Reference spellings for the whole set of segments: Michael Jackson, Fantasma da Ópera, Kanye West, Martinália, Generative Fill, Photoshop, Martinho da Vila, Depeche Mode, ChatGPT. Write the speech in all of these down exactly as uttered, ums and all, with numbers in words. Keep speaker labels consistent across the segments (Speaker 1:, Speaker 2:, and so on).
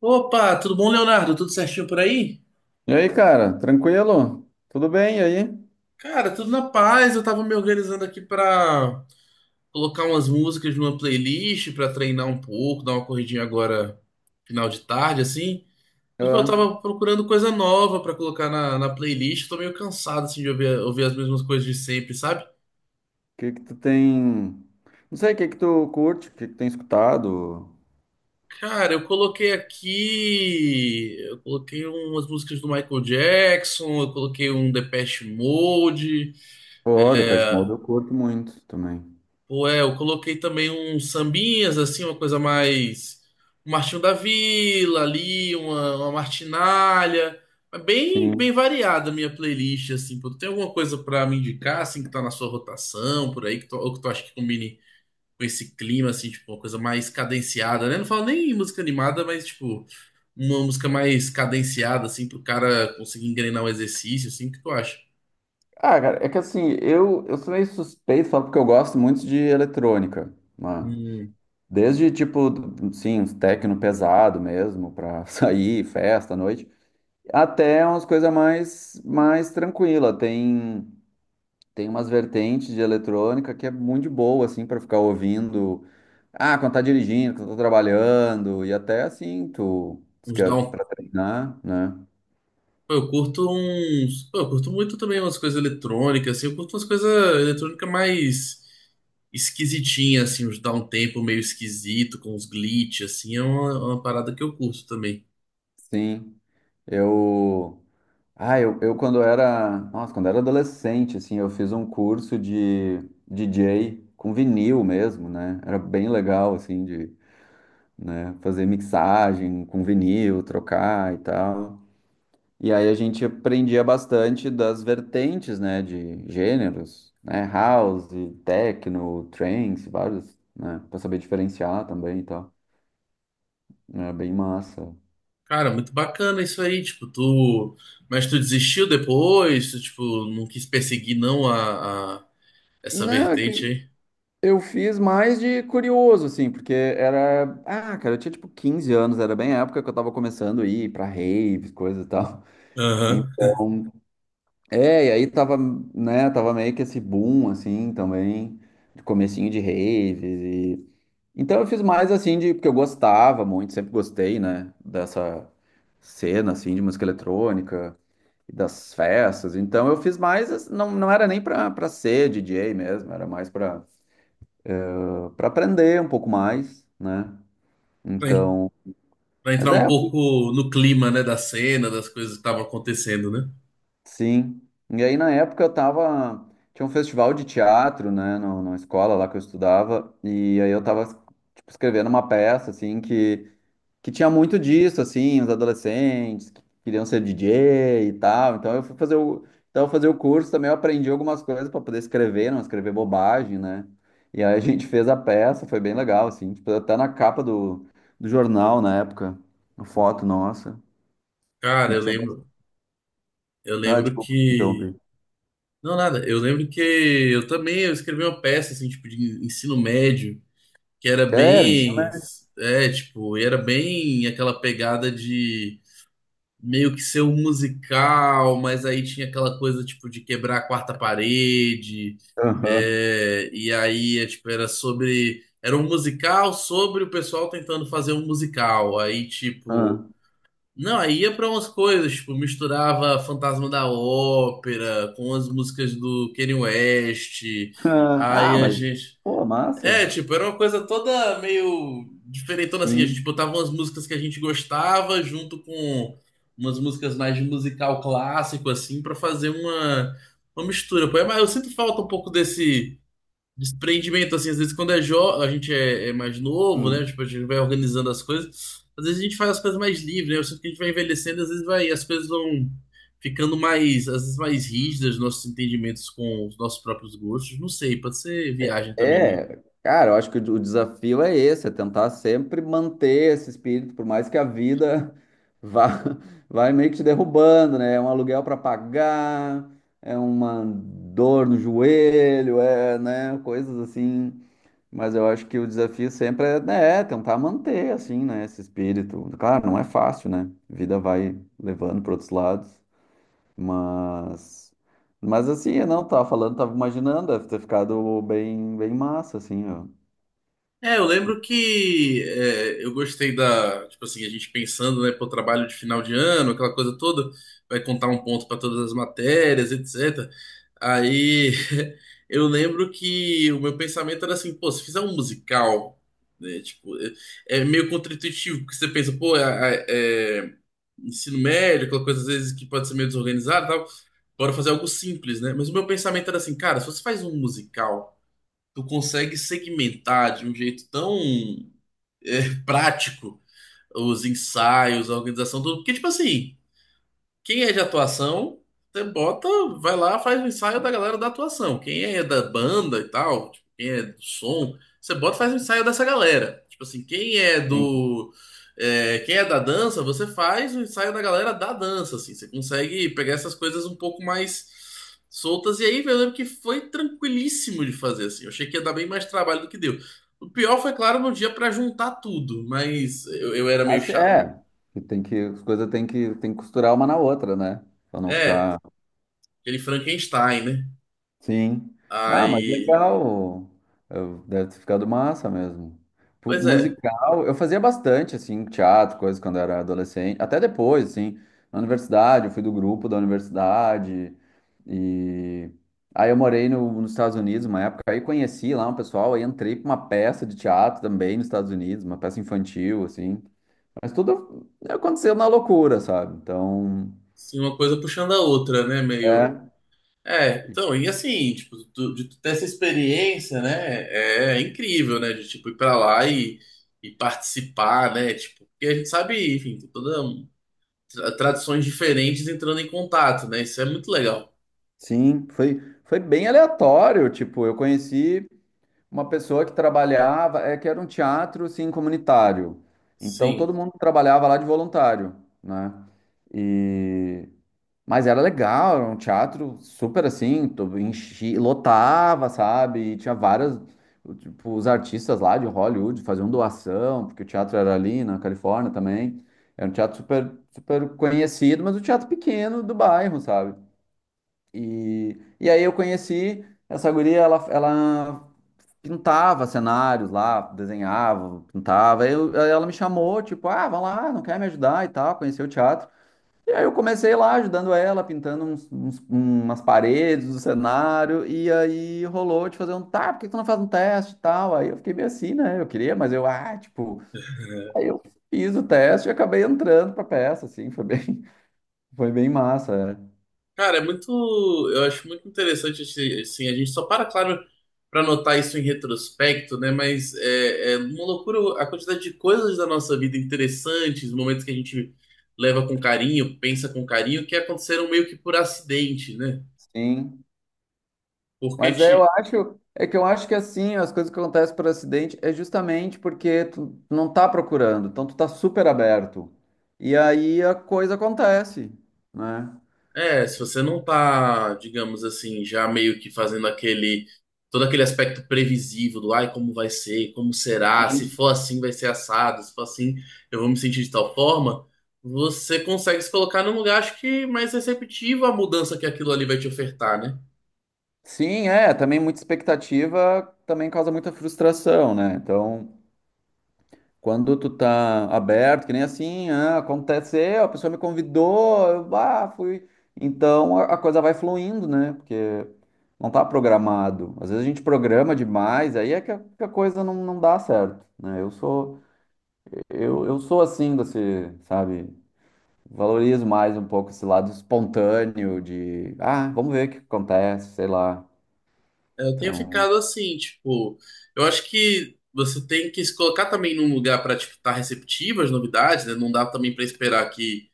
Speaker 1: Opa, tudo bom, Leonardo? Tudo certinho por aí?
Speaker 2: E aí, cara, tranquilo? Tudo bem? E aí?
Speaker 1: Cara, tudo na paz. Eu tava me organizando aqui pra colocar umas músicas numa playlist pra treinar um pouco, dar uma corridinha agora final de tarde, assim. Mas pô, eu
Speaker 2: Ah, O
Speaker 1: tava procurando coisa nova pra colocar na, na playlist. Tô meio cansado assim de ouvir, ouvir as mesmas coisas de sempre, sabe?
Speaker 2: que que tu tem? Não sei, o que que tu curte? O que que tem escutado?
Speaker 1: Cara, eu coloquei aqui, eu coloquei umas músicas do Michael Jackson, eu coloquei um Depeche Mode.
Speaker 2: Pô, The Pet Mode eu curto muito também.
Speaker 1: Pô, é, eu coloquei também uns sambinhas, assim, uma coisa mais. Um Martinho da Vila ali, uma, uma Martinália. É bem,
Speaker 2: Sim.
Speaker 1: bem variada a minha playlist, assim, pô. Tem alguma coisa pra me indicar, assim, que tá na sua rotação, por aí, que tu, ou que tu acha que combine com esse clima, assim, tipo, uma coisa mais cadenciada, né? Não falo nem em música animada, mas, tipo, uma música mais cadenciada, assim, pro cara conseguir engrenar um exercício, assim, o que tu acha?
Speaker 2: Ah, cara, é que assim, eu, eu sou meio suspeito, só porque eu gosto muito de eletrônica, mano.
Speaker 1: Um,
Speaker 2: Desde, tipo, sim, uns techno pesado mesmo, pra sair, festa à noite, até umas coisas mais, mais tranquila. Tem, tem umas vertentes de eletrônica que é muito de boa, assim, para ficar ouvindo. Ah, quando tá dirigindo, quando tá trabalhando, e até assim, tu, se
Speaker 1: uns
Speaker 2: quer
Speaker 1: down.
Speaker 2: pra treinar, né?
Speaker 1: Pô, eu curto uns. Pô, eu curto muito também umas coisas eletrônicas, assim. Eu curto umas coisas eletrônicas mais esquisitinhas, assim, uns downtempo meio esquisito, com uns glitch, assim. É uma, é uma parada que eu curto também.
Speaker 2: Sim, eu. Ah, eu, eu quando era... Nossa, quando era adolescente, assim, eu fiz um curso de D J com vinil mesmo, né? Era bem legal, assim, de, né, fazer mixagem com vinil, trocar e tal. E aí a gente aprendia bastante das vertentes, né, de gêneros, né, house, techno, trance, vários, né, para saber diferenciar também e tal. Era bem massa.
Speaker 1: Cara, muito bacana isso aí, tipo, tu. Mas tu desistiu depois? Tu, tipo, não quis perseguir, não, a, a- essa
Speaker 2: Não, é
Speaker 1: vertente
Speaker 2: que
Speaker 1: aí?
Speaker 2: eu fiz mais de curioso, assim, porque era... Ah, cara, eu tinha tipo quinze anos, era bem a época que eu tava começando a ir pra raves, coisa e tal.
Speaker 1: Aham.
Speaker 2: Então, é, e aí tava, né, tava meio que esse boom, assim, também, de comecinho de raves. Então eu fiz mais assim de porque eu gostava muito, sempre gostei, né, dessa cena assim de música eletrônica e das festas. Então eu fiz mais, assim, não, não era nem pra para ser D J mesmo, era mais pra para aprender um pouco mais, né?
Speaker 1: Pra, en-
Speaker 2: Então,
Speaker 1: pra
Speaker 2: mas
Speaker 1: entrar um
Speaker 2: é,
Speaker 1: pouco no clima, né, da cena, das coisas que estavam acontecendo, né?
Speaker 2: sim. E aí na época eu tava, tinha um festival de teatro, né, no, na escola lá que eu estudava, e aí eu tava, tipo, escrevendo uma peça assim que que tinha muito disso, assim, os adolescentes que queriam ser D J e tal. Então eu fui fazer o, então eu fazer o curso também, eu aprendi algumas coisas para poder escrever, não escrever bobagem, né? E aí a gente fez a peça, foi bem legal, assim, tipo, até na capa do, do jornal na época, uma foto nossa.
Speaker 1: Cara,
Speaker 2: E
Speaker 1: eu
Speaker 2: tinha...
Speaker 1: lembro. Eu
Speaker 2: Ah,
Speaker 1: lembro
Speaker 2: desculpa,
Speaker 1: que.
Speaker 2: interrompi.
Speaker 1: Não, nada. Eu lembro que eu também eu escrevi uma peça assim, tipo, de ensino médio, que era
Speaker 2: Era, isso
Speaker 1: bem,
Speaker 2: mesmo.
Speaker 1: é, tipo, e era bem aquela pegada de meio que ser um musical, mas aí tinha aquela coisa tipo de quebrar a quarta parede.
Speaker 2: Aham.
Speaker 1: É, e aí, é, tipo, era sobre, era um musical sobre o pessoal tentando fazer um musical. Aí, tipo,
Speaker 2: Aham.
Speaker 1: não, aí ia pra umas coisas, tipo, misturava Fantasma da Ópera com as músicas do Kanye West. Aí
Speaker 2: Ah,
Speaker 1: a
Speaker 2: mas,
Speaker 1: gente.
Speaker 2: pô, massa.
Speaker 1: É, tipo, era uma coisa toda meio diferentona assim. A gente
Speaker 2: Sim.
Speaker 1: botava umas músicas que a gente gostava junto com umas músicas mais de musical clássico, assim, pra fazer uma, uma mistura. Pô, é, mas eu sinto falta um pouco desse desprendimento, assim, às vezes quando é jovem, a gente é, é mais novo, né?
Speaker 2: Hum.
Speaker 1: Tipo, a gente vai organizando as coisas. Às vezes a gente faz as coisas mais livre, né? Eu sinto que a gente vai envelhecendo, às vezes vai, as coisas vão ficando mais, às vezes mais rígidas, nossos entendimentos com os nossos próprios gostos. Não sei, pode ser viagem também minha.
Speaker 2: É, cara, eu acho que o desafio é esse, é tentar sempre manter esse espírito, por mais que a vida vá, vai meio que te derrubando, né? É um aluguel para pagar, é uma dor no joelho, é, né? Coisas assim. Mas eu acho que o desafio sempre é, né, é tentar manter, assim, né, esse espírito. Claro, não é fácil, né? A vida vai levando para outros lados, mas, mas assim, eu não tava falando, tava imaginando, deve ter ficado bem, bem massa, assim, ó.
Speaker 1: É, eu lembro que é, eu gostei da, tipo assim, a gente pensando, né, pro trabalho de final de ano, aquela coisa toda, vai contar um ponto para todas as matérias, etcétera. Aí eu lembro que o meu pensamento era assim, pô, se fizer um musical, né, tipo, é, é meio contraintuitivo, porque você pensa, pô, é, é- é ensino médio, aquela coisa às vezes que pode ser meio desorganizada, e tal, bora fazer algo simples, né? Mas o meu pensamento era assim, cara, se você faz um musical tu consegue segmentar de um jeito tão é, prático os ensaios, a organização, tudo. Porque, tipo assim. Quem é de atuação, você bota, vai lá, faz o ensaio da galera da atuação. Quem é da banda e tal, tipo, quem é do som, você bota, faz o ensaio dessa galera. Tipo assim, quem é
Speaker 2: Sim.
Speaker 1: do. é, quem é da dança, você faz o ensaio da galera da dança, assim. Você consegue pegar essas coisas um pouco mais soltas. E aí, eu lembro que foi tranquilíssimo de fazer, assim. Eu achei que ia dar bem mais trabalho do que deu. O pior foi, claro, no dia pra juntar tudo, mas eu, eu era meio
Speaker 2: Assim,
Speaker 1: chato.
Speaker 2: é, que tem que, as coisas tem que, tem que costurar uma na outra, né? Pra não
Speaker 1: É,
Speaker 2: ficar...
Speaker 1: aquele Frankenstein, né?
Speaker 2: Sim. Ah, mas
Speaker 1: Aí,
Speaker 2: legal. Eu... deve ter ficado massa mesmo. Pu...
Speaker 1: pois é,
Speaker 2: Musical, eu fazia bastante, assim, teatro, coisas quando era adolescente. Até depois, assim, na universidade, eu fui do grupo da universidade. E aí eu morei no... nos Estados Unidos uma época, aí conheci lá um pessoal, aí entrei pra uma peça de teatro também nos Estados Unidos, uma peça infantil, assim. Mas tudo aconteceu na loucura, sabe? Então,
Speaker 1: assim, uma coisa puxando a outra, né? Meio.
Speaker 2: é.
Speaker 1: É, então, e assim, tipo, tu- de tu ter essa experiência, né? É incrível, né? De tipo ir pra lá e, e participar, né? Tipo, porque a gente sabe, enfim, tem toda um- tra- tradições diferentes entrando em contato, né? Isso é muito legal.
Speaker 2: Sim, foi, foi bem aleatório. Tipo, eu conheci uma pessoa que trabalhava, é que era um teatro assim, comunitário. Então
Speaker 1: Sim.
Speaker 2: todo mundo trabalhava lá de voluntário, né? E... Mas era legal, era um teatro super assim, to- enchi, lotava, sabe? E tinha várias, tipo, os artistas lá de Hollywood faziam doação, porque o teatro era ali na Califórnia também. Era um teatro super, super conhecido, mas um teatro pequeno do bairro, sabe? E, e aí eu conheci essa guria, ela, ela pintava cenários lá, desenhava, pintava. Aí eu... aí ela me chamou, tipo, ah, vamos lá, não quer me ajudar e tal, conhecer o teatro. E aí eu comecei lá ajudando ela, pintando uns... uns... umas paredes do cenário, e aí rolou de fazer um, tá, por que que tu não faz um teste e tal? Aí eu fiquei meio assim, né? Eu queria, mas eu, ah, tipo, aí eu fiz o teste e acabei entrando pra peça, assim, foi bem, foi bem massa, é.
Speaker 1: Cara, é muito. Eu acho muito interessante, esse- assim, a gente só para, claro, para notar isso em retrospecto, né? Mas é, é uma loucura a quantidade de coisas da nossa vida interessantes, momentos que a gente leva com carinho, pensa com carinho, que aconteceram meio que por acidente, né?
Speaker 2: Sim.
Speaker 1: Porque,
Speaker 2: Mas é, eu
Speaker 1: ti-
Speaker 2: acho, é que eu acho que assim, as coisas que acontecem por acidente é justamente porque tu não tá procurando, então tu tá super aberto. E aí a coisa acontece, né?
Speaker 1: É, se você não tá, digamos assim, já meio que fazendo aquele, todo aquele aspecto previsível do, ai, como vai ser, como será, se
Speaker 2: Sim.
Speaker 1: for assim vai ser assado, se for assim eu vou me sentir de tal forma, você consegue se colocar num lugar, acho que mais receptivo à mudança que aquilo ali vai te ofertar, né?
Speaker 2: Sim, é, também muita expectativa também causa muita frustração, né? Então, quando tu tá aberto, que nem assim, ah, aconteceu, a pessoa me convidou, eu, ah, fui. Então a, a coisa vai fluindo, né? Porque não tá programado. Às vezes a gente programa demais, aí é que a, que a coisa não, não dá certo, né? Eu sou, eu, eu sou assim, desse, sabe? Valorizo mais um pouco esse lado espontâneo de, ah, vamos ver o que acontece, sei lá.
Speaker 1: Eu tenho
Speaker 2: Então,
Speaker 1: ficado assim, tipo, eu acho que você tem que se colocar também num lugar para tipo, estar receptivo às novidades, né? Não dá também para esperar que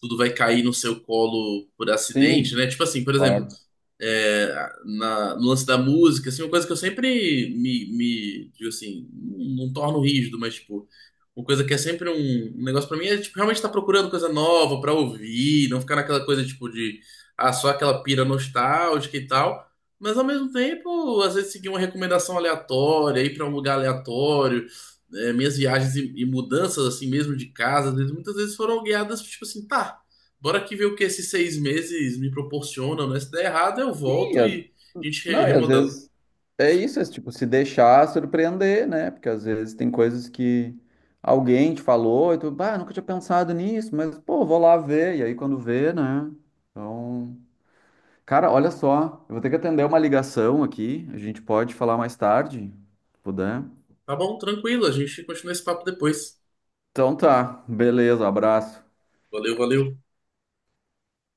Speaker 1: tudo vai cair no seu colo por acidente,
Speaker 2: sim,
Speaker 1: né? Tipo assim, por exemplo,
Speaker 2: claro.
Speaker 1: é, na- no lance da música, assim, uma coisa que eu sempre me, me digo assim, não, não torno rígido, mas tipo, uma coisa que é sempre um, um negócio pra mim é tipo, realmente estar procurando coisa nova pra ouvir, não ficar naquela coisa tipo de ah, só aquela pira nostálgica e tal. Mas ao mesmo tempo, às vezes seguir uma recomendação aleatória, ir pra um lugar aleatório, é, minhas viagens e, e mudanças assim mesmo de casa, às vezes- muitas vezes foram guiadas tipo assim, tá. Bora aqui ver o que esses seis meses me proporcionam, né? Se der errado, eu
Speaker 2: Sim,
Speaker 1: volto
Speaker 2: às...
Speaker 1: e a gente re-
Speaker 2: não, e às
Speaker 1: remodela.
Speaker 2: vezes é isso, é tipo, se deixar surpreender, né? Porque às vezes tem coisas que alguém te falou e tu, bah, nunca tinha pensado nisso, mas pô, vou lá ver. E aí quando vê, né? Então, cara, olha só, eu vou ter que atender uma ligação aqui, a gente pode falar mais tarde, se puder.
Speaker 1: Tá bom, tranquilo, a gente continua esse papo depois.
Speaker 2: Então tá, beleza, abraço.
Speaker 1: Valeu, valeu.